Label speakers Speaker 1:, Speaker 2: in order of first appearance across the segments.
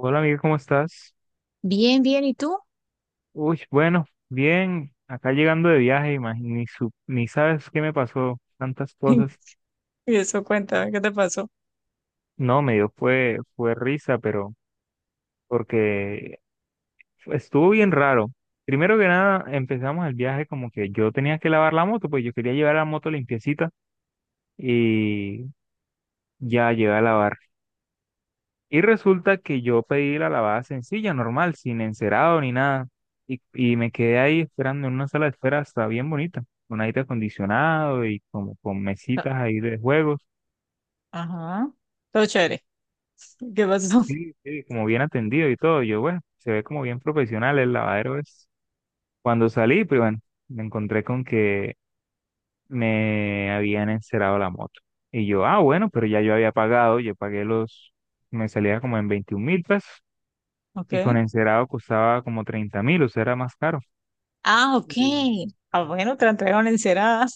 Speaker 1: Hola, amiga, ¿cómo estás?
Speaker 2: Bien, bien, ¿y tú?
Speaker 1: Uy, bueno, bien, acá llegando de viaje, imagi- ni, su- ni sabes qué me pasó, tantas cosas.
Speaker 2: Y eso, cuéntame, ¿qué te pasó?
Speaker 1: No, me dio fue risa, pero porque estuvo bien raro. Primero que nada, empezamos el viaje como que yo tenía que lavar la moto, pues yo quería llevar la moto limpiecita y ya llegué a lavarla. Y resulta que yo pedí la lavada sencilla, normal, sin encerado ni nada. Y me quedé ahí esperando en una sala de espera, está bien bonita, con aire acondicionado y como con
Speaker 2: Ah,
Speaker 1: mesitas ahí de juegos.
Speaker 2: ajá. Todo chévere. ¿Qué pasó?
Speaker 1: Sí, sí, como bien atendido y todo. Yo, bueno, se ve como bien profesional el lavadero es. Cuando salí, pues bueno, me encontré con que me habían encerado la moto. Y yo, ah, bueno, pero ya yo había pagado, yo pagué los, me salía como en 21.000 pesos, y con
Speaker 2: Ok.
Speaker 1: encerado costaba como 30.000, o sea, era más caro.
Speaker 2: Ah, ok.
Speaker 1: Y,
Speaker 2: Ah, bueno, te la entregaron encerada.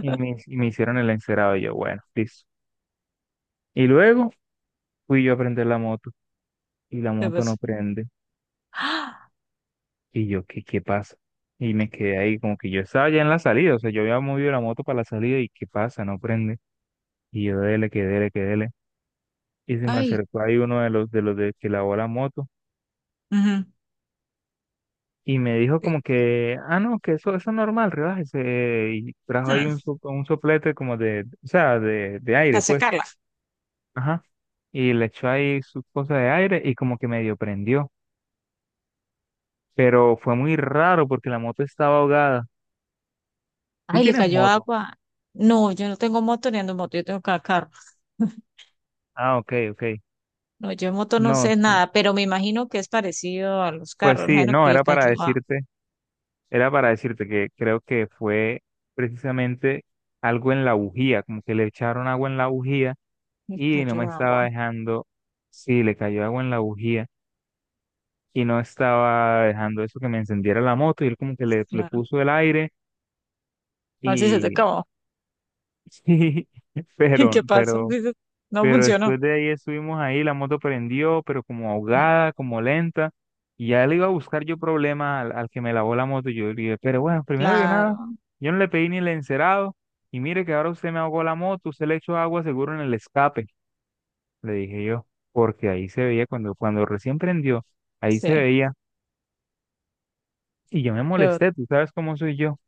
Speaker 1: y me hicieron el encerado. Y yo, bueno, listo. Y luego fui yo a prender la moto y la
Speaker 2: ¿Qué
Speaker 1: moto no
Speaker 2: pasó?
Speaker 1: prende.
Speaker 2: ¡Ah!
Speaker 1: Y yo, ¿qué, qué pasa? Y me quedé ahí, como que yo estaba ya en la salida. O sea, yo había movido la moto para la salida y ¿qué pasa? No prende. Y yo, dele, que dele, que dele. Y se me
Speaker 2: Ay,
Speaker 1: acercó ahí uno de los de que lavó la moto
Speaker 2: ujú.
Speaker 1: y me dijo como que, ah, no, que eso es normal, relájese. Y trajo ahí
Speaker 2: Hmm,
Speaker 1: un, so- un soplete como de, o sea, de aire,
Speaker 2: Para
Speaker 1: pues.
Speaker 2: secarla.
Speaker 1: Ajá. Y le echó ahí sus cosas de aire y como que medio prendió. Pero fue muy raro porque la moto estaba ahogada. ¿Tú
Speaker 2: Ay, le
Speaker 1: tienes
Speaker 2: cayó
Speaker 1: moto?
Speaker 2: agua. No, yo no tengo moto ni ando en moto, yo tengo cada carro.
Speaker 1: Ah, ok, ok.
Speaker 2: No, yo en moto no
Speaker 1: No,
Speaker 2: sé
Speaker 1: sí.
Speaker 2: nada, pero me imagino que es parecido a los
Speaker 1: Pues
Speaker 2: carros. Me
Speaker 1: sí,
Speaker 2: imagino
Speaker 1: no,
Speaker 2: que le cayó agua.
Speaker 1: era para decirte que creo que fue precisamente algo en la bujía, como que le echaron agua en la bujía
Speaker 2: Le
Speaker 1: y no me
Speaker 2: cayó agua.
Speaker 1: estaba dejando, sí, le cayó agua en la bujía y no estaba dejando eso que me encendiera la moto y él como que le
Speaker 2: Claro.
Speaker 1: puso el aire
Speaker 2: A ver si se te
Speaker 1: y
Speaker 2: acabó.
Speaker 1: sí,
Speaker 2: ¿Y
Speaker 1: pero,
Speaker 2: qué pasó?
Speaker 1: pero,
Speaker 2: Dices, no
Speaker 1: pero
Speaker 2: funcionó.
Speaker 1: después de ahí estuvimos ahí, la moto prendió, pero como
Speaker 2: Mm,
Speaker 1: ahogada, como lenta, y ya le iba a buscar yo problemas al, al que me lavó la moto, y yo le dije, pero bueno, primero que nada,
Speaker 2: claro.
Speaker 1: yo no le pedí ni el encerado, y mire que ahora usted me ahogó la moto, usted le echó agua seguro en el escape, le dije yo, porque ahí se veía cuando, cuando recién prendió, ahí se
Speaker 2: Sí,
Speaker 1: veía, y yo me
Speaker 2: yo,
Speaker 1: molesté, tú sabes cómo soy yo.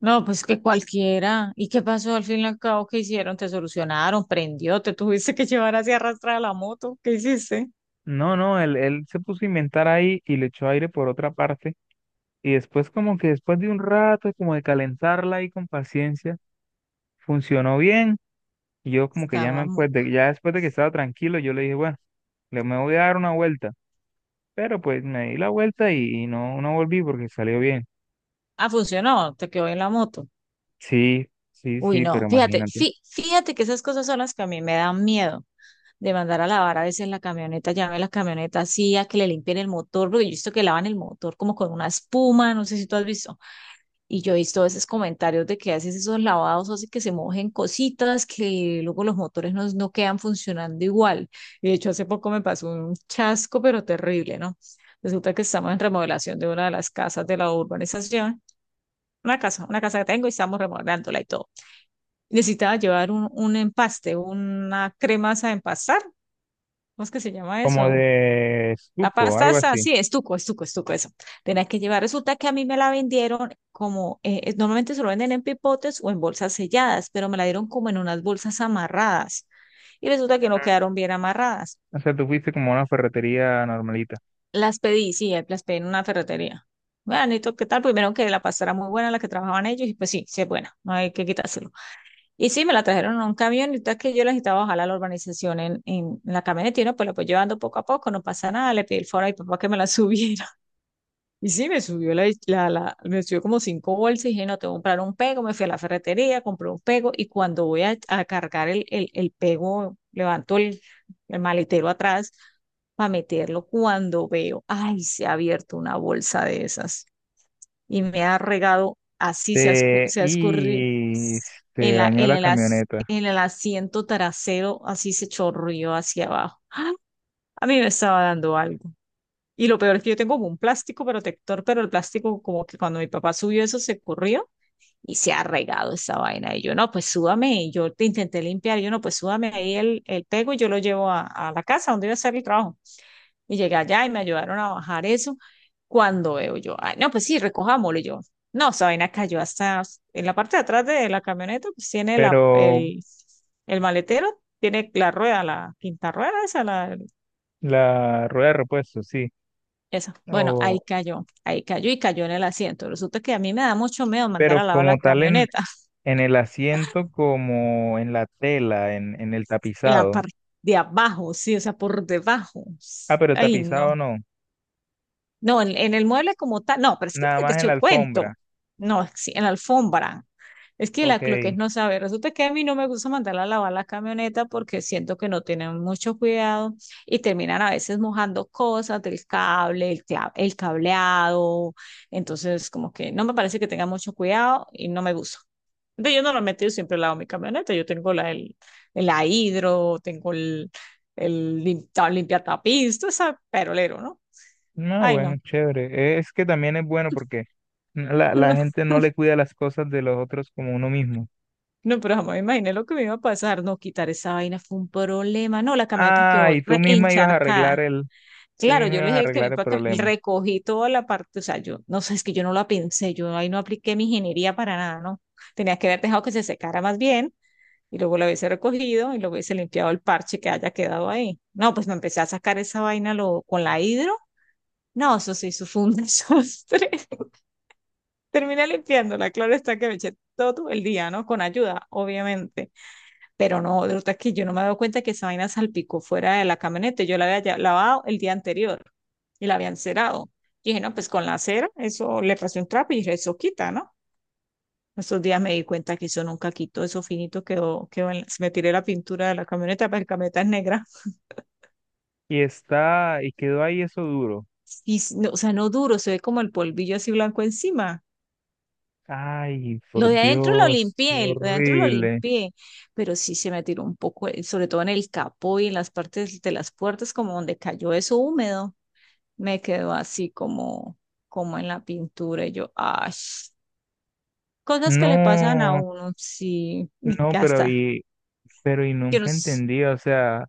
Speaker 2: no, pues que cualquiera. ¿Y qué pasó al fin y al cabo? ¿Qué hicieron? ¿Te solucionaron? ¿Prendió? ¿Te tuviste que llevar así arrastrada la moto? ¿Qué hiciste?
Speaker 1: No, no, él se puso a inventar ahí y le echó aire por otra parte. Y después como que después de un rato, como de calentarla ahí con paciencia, funcionó bien. Y yo como que ya me,
Speaker 2: Estábamos.
Speaker 1: pues de- ya después de que estaba tranquilo, yo le dije, bueno, le me voy a dar una vuelta. Pero pues me di la vuelta y no, no volví porque salió bien.
Speaker 2: Ah, funcionó, te quedó en la moto.
Speaker 1: Sí, sí,
Speaker 2: Uy,
Speaker 1: sí, pero
Speaker 2: no, fíjate,
Speaker 1: imagínate.
Speaker 2: fíjate que esas cosas son las que a mí me dan miedo de mandar a lavar a veces la camioneta, llame a la camioneta así a que le limpien el motor, porque yo he visto que lavan el motor como con una espuma, no sé si tú has visto. Y yo he visto esos comentarios de que haces esos lavados, hace que se mojen cositas, que luego los motores no quedan funcionando igual. Y de hecho, hace poco me pasó un chasco, pero terrible, ¿no? Resulta que estamos en remodelación de una de las casas de la urbanización, una casa que tengo y estamos remodelándola y todo. Necesitaba llevar un empaste, una crema esa de empastar, ¿cómo es que se llama
Speaker 1: Como
Speaker 2: eso?
Speaker 1: de
Speaker 2: La
Speaker 1: suco,
Speaker 2: pasta
Speaker 1: algo
Speaker 2: está,
Speaker 1: así.
Speaker 2: sí, estuco, estuco, estuco, eso. Tenía que llevar. Resulta que a mí me la vendieron como, normalmente se lo venden en pipotes o en bolsas selladas, pero me la dieron como en unas bolsas amarradas. Y resulta que no quedaron bien amarradas.
Speaker 1: O sea, tú fuiste como a una ferretería normalita.
Speaker 2: Las pedí, sí, las pedí en una ferretería. Bueno, ¿y tú qué tal? Primero que la pasta era muy buena, la que trabajaban ellos, y pues sí, sí es buena, no hay que quitárselo. Y sí, me la trajeron en un camión, y ahorita que yo la necesitaba bajar a la urbanización en, la camioneta, y no, pues la voy llevando poco a poco, no pasa nada, le pedí el foro a mi papá que me la subiera. Y sí, me subió como cinco bolsas y dije, no, tengo que comprar un pego, me fui a la ferretería, compré un pego y cuando voy a cargar el, el pego, levanto el maletero atrás para meterlo cuando veo, ay, se ha abierto una bolsa de esas y me ha regado, así
Speaker 1: Te-
Speaker 2: se ha escurrido
Speaker 1: y te
Speaker 2: en la,
Speaker 1: dañó
Speaker 2: en
Speaker 1: la
Speaker 2: el, as-
Speaker 1: camioneta.
Speaker 2: en el asiento trasero, así se chorrió hacia abajo. A mí me estaba dando algo. Y lo peor es que yo tengo como un plástico protector, pero el plástico como que cuando mi papá subió eso se corrió y se ha regado esa vaina. Y yo, no, pues súbame. Y yo te intenté limpiar. Y yo, no, pues súbame ahí el pego y yo lo llevo a la casa donde iba a hacer el trabajo. Y llegué allá y me ayudaron a bajar eso. Cuando veo yo, ay, no, pues sí, recojámoslo. Y yo, no, esa vaina cayó hasta en la parte de atrás de la camioneta, pues tiene la,
Speaker 1: Pero
Speaker 2: el, el maletero, tiene la rueda, la quinta rueda, esa, la,
Speaker 1: la rueda de repuesto, sí.
Speaker 2: eso. Bueno,
Speaker 1: O
Speaker 2: ahí cayó y cayó en el asiento. Resulta que a mí me da mucho miedo mandar
Speaker 1: pero
Speaker 2: a lavar la
Speaker 1: como tal
Speaker 2: camioneta
Speaker 1: en el asiento, como en la tela, en el
Speaker 2: en la
Speaker 1: tapizado.
Speaker 2: parte de abajo, sí, o sea, por debajo.
Speaker 1: Ah, pero
Speaker 2: Ay,
Speaker 1: tapizado
Speaker 2: no.
Speaker 1: no,
Speaker 2: No, en el mueble como tal, no, pero es que
Speaker 1: nada
Speaker 2: te
Speaker 1: más en la
Speaker 2: echo cuento.
Speaker 1: alfombra.
Speaker 2: No, sí, en la alfombra. Es que lo que
Speaker 1: Ok.
Speaker 2: es no saber, resulta que a mí no me gusta mandar a lavar la camioneta porque siento que no tienen mucho cuidado y terminan a veces mojando cosas del cable, el cableado, entonces como que no me parece que tengan mucho cuidado y no me gusta. Entonces yo normalmente yo siempre lavo mi camioneta, yo tengo la hidro, tengo el limpiatapiz, todo ese perolero, ¿no?
Speaker 1: No,
Speaker 2: Ay, no.
Speaker 1: bueno, chévere. Es que también es bueno porque la gente no le cuida las cosas de los otros como uno mismo.
Speaker 2: No, pero jamás me imaginé lo que me iba a pasar. No, quitar esa vaina fue un problema. No, la camioneta
Speaker 1: Ah,
Speaker 2: quedó
Speaker 1: y tú
Speaker 2: re-
Speaker 1: misma ibas a
Speaker 2: encharcada.
Speaker 1: arreglar el, tú
Speaker 2: Claro,
Speaker 1: misma
Speaker 2: yo
Speaker 1: ibas
Speaker 2: le
Speaker 1: a
Speaker 2: dije que mi
Speaker 1: arreglar el
Speaker 2: papá
Speaker 1: problema.
Speaker 2: recogí toda la parte, o sea, yo no sé, es que yo no la pensé, yo ahí no apliqué mi ingeniería para nada, ¿no? Tenía que haber dejado que se secara más bien y luego la hubiese recogido y luego hubiese limpiado el parche que haya quedado ahí. No, pues me empecé a sacar esa vaina con la hidro. No, eso sí, eso fue un desastre. Terminé limpiándola, claro está que me eché todo el día, ¿no? Con ayuda, obviamente. Pero no, de verdad que yo no me había dado cuenta que esa vaina salpicó fuera de la camioneta. Yo la había lavado el día anterior y la había encerado. Y dije, no, pues con la cera, eso le pasé un trapo y dije, eso quita, ¿no? Esos días me di cuenta que eso nunca quitó, eso finito quedó, me tiré la pintura de la camioneta, pero la camioneta es negra.
Speaker 1: Y está, y quedó ahí eso duro.
Speaker 2: No, o sea, no duro, se ve como el polvillo así blanco encima.
Speaker 1: Ay,
Speaker 2: Lo
Speaker 1: por
Speaker 2: de adentro lo
Speaker 1: Dios, qué
Speaker 2: limpié, lo de adentro lo
Speaker 1: horrible.
Speaker 2: limpié, pero sí se me tiró un poco, sobre todo en el capó y en las partes de las puertas, como donde cayó eso húmedo. Me quedó así como en la pintura. Y yo, ay, cosas que le pasan a
Speaker 1: No,
Speaker 2: uno, sí, y
Speaker 1: no, pero
Speaker 2: hasta,
Speaker 1: y, pero y
Speaker 2: yo no
Speaker 1: nunca
Speaker 2: sé,
Speaker 1: entendí, o sea,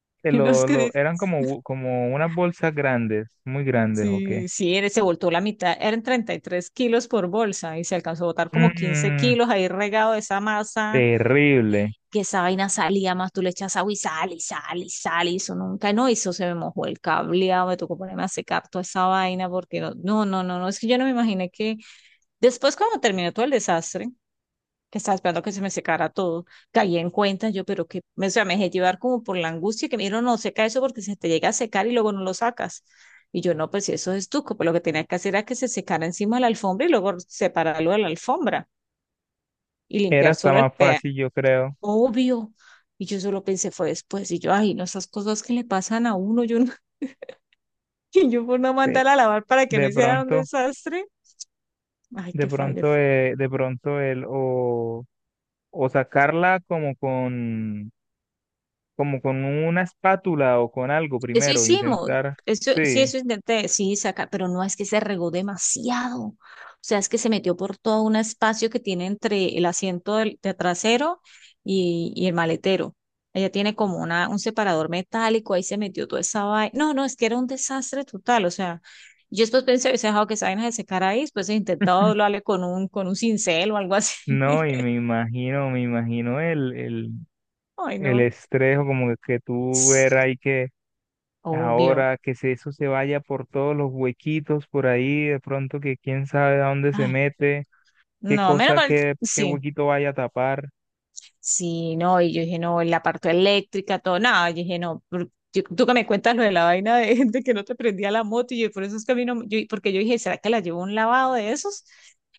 Speaker 1: que
Speaker 2: yo no sé qué
Speaker 1: lo,
Speaker 2: dice.
Speaker 1: eran como, bu- como unas bolsas grandes, muy grandes, ¿o qué?
Speaker 2: Sí, sí, él se voltó la mitad, eran 33 kilos por bolsa y se alcanzó a botar como 15
Speaker 1: Mm,
Speaker 2: kilos ahí regado de esa masa,
Speaker 1: terrible.
Speaker 2: que esa vaina salía más, tú le echas agua y sale y sale y sale, y eso nunca, no, eso se me mojó el cableado, me tocó ponerme a secar toda esa vaina porque no, no, no, no, no, es que yo no me imaginé que después cuando terminó todo el desastre, estaba esperando que se me secara todo. Caí en cuenta yo, pero o sea, me dejé llevar como por la angustia que me dijeron, no seca eso porque se te llega a secar y luego no lo sacas. Y yo, no, pues si eso es estuco, pues lo que tenía que hacer era que se secara encima de la alfombra y luego separarlo de la alfombra y
Speaker 1: Era
Speaker 2: limpiar
Speaker 1: hasta
Speaker 2: solo el
Speaker 1: más
Speaker 2: pea.
Speaker 1: fácil, yo creo,
Speaker 2: Obvio. Y yo solo pensé, fue después. Y yo, ay, no, esas cosas que le pasan a uno, yo no, y yo por no
Speaker 1: que
Speaker 2: mandar a lavar para que no
Speaker 1: de
Speaker 2: hicieran un
Speaker 1: pronto,
Speaker 2: desastre. Ay,
Speaker 1: de
Speaker 2: qué fallo.
Speaker 1: pronto, eh, de pronto el, o sacarla como con una espátula o con algo
Speaker 2: Eso
Speaker 1: primero,
Speaker 2: hicimos,
Speaker 1: intentar,
Speaker 2: eso, sí,
Speaker 1: sí,
Speaker 2: eso intenté, sí, sacar, pero no es que se regó demasiado. O sea, es que se metió por todo un espacio que tiene entre el asiento de trasero y el maletero. Ella tiene como un separador metálico, ahí se metió toda esa vaina. No, no, es que era un desastre total. O sea, yo después pensé, hubiese dejado que esa vaina se secara ahí, después he intentado doblarle con con un cincel o algo así.
Speaker 1: no, y me imagino
Speaker 2: Ay,
Speaker 1: el
Speaker 2: no.
Speaker 1: estrés o como que tú ver ahí que
Speaker 2: Obvio.
Speaker 1: ahora que se- eso se vaya por todos los huequitos por ahí, de pronto que quién sabe a dónde se
Speaker 2: Ay,
Speaker 1: mete, qué
Speaker 2: no, menos
Speaker 1: cosa,
Speaker 2: mal,
Speaker 1: qué, qué
Speaker 2: sí.
Speaker 1: huequito vaya a tapar.
Speaker 2: Sí, no, y yo dije, no, la parte eléctrica, todo, nada, yo dije, no, tú que me cuentas lo de la vaina de, de que no te prendía la moto, y yo, por eso es que a mí no, porque yo dije, ¿será que la llevo a un lavado de esos?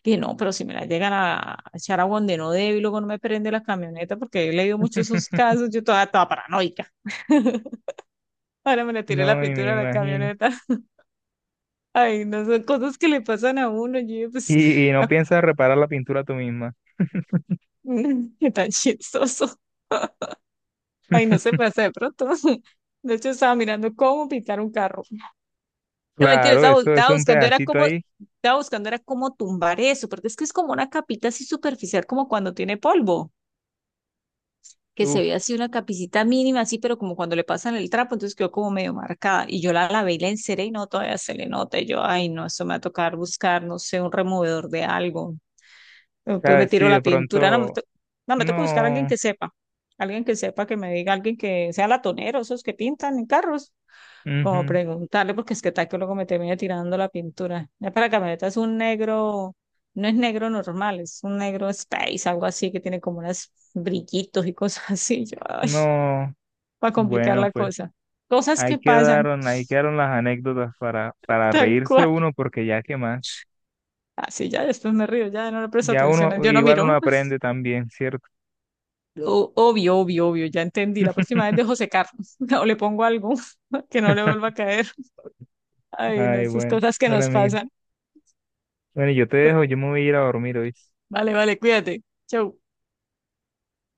Speaker 2: Dije, no, pero si me la llegan a echar a donde no debe y luego no me prende la camioneta, porque yo he leído muchos esos casos, yo toda, toda paranoica. Ahora me le tiré la
Speaker 1: No, y me
Speaker 2: pintura a la
Speaker 1: imagino.
Speaker 2: camioneta. Ay, no, son cosas que le pasan a uno, yo dije, pues,
Speaker 1: Y no piensas reparar la pintura tú misma.
Speaker 2: qué tan chistoso. Ay, no se pasa de pronto. De hecho, estaba mirando cómo pintar un carro. No, mentira,
Speaker 1: Claro, eso es
Speaker 2: estaba
Speaker 1: un
Speaker 2: buscando, era
Speaker 1: pedacito
Speaker 2: como,
Speaker 1: ahí.
Speaker 2: estaba buscando, era como tumbar eso, porque es que es como una capita así superficial, como cuando tiene polvo, que se
Speaker 1: Uf,
Speaker 2: ve así una capicita mínima, así, pero como cuando le pasan el trapo, entonces quedó como medio marcada. Y yo la lavé y la enceré y no, todavía se le nota. Y yo, ay, no, eso me va a tocar buscar, no sé, un removedor de algo. Después me
Speaker 1: sabes, sí,
Speaker 2: tiro la
Speaker 1: de
Speaker 2: pintura, no,
Speaker 1: pronto,
Speaker 2: no, me toca buscar a
Speaker 1: no,
Speaker 2: alguien que sepa, que me diga, alguien que sea latonero, esos que pintan en carros como
Speaker 1: ujú,
Speaker 2: preguntarle, porque es que tal que luego me termine tirando la pintura. Ya para la camioneta es un negro, no es negro normal, es un negro space, algo así que tiene como unos brillitos y cosas así. Yo, ay,
Speaker 1: no.
Speaker 2: para complicar
Speaker 1: Bueno,
Speaker 2: la
Speaker 1: pues
Speaker 2: cosa. Cosas que pasan,
Speaker 1: ahí quedaron las anécdotas para
Speaker 2: tal
Speaker 1: reírse
Speaker 2: cual.
Speaker 1: uno, porque ya qué más.
Speaker 2: Así ya, después me río, ya no le presto
Speaker 1: Ya
Speaker 2: atención.
Speaker 1: uno,
Speaker 2: Yo no
Speaker 1: igual uno
Speaker 2: miro.
Speaker 1: aprende también, ¿cierto?
Speaker 2: Obvio, obvio, obvio, ya entendí. La próxima vez dejo secar o le pongo algo que no le vuelva a caer. Ay, no,
Speaker 1: Ay,
Speaker 2: esas
Speaker 1: bueno.
Speaker 2: cosas que
Speaker 1: Bueno,
Speaker 2: nos
Speaker 1: amigo.
Speaker 2: pasan.
Speaker 1: Bueno, yo te dejo, yo me voy a ir a dormir hoy.
Speaker 2: Vale, vale, cuídate. Chau.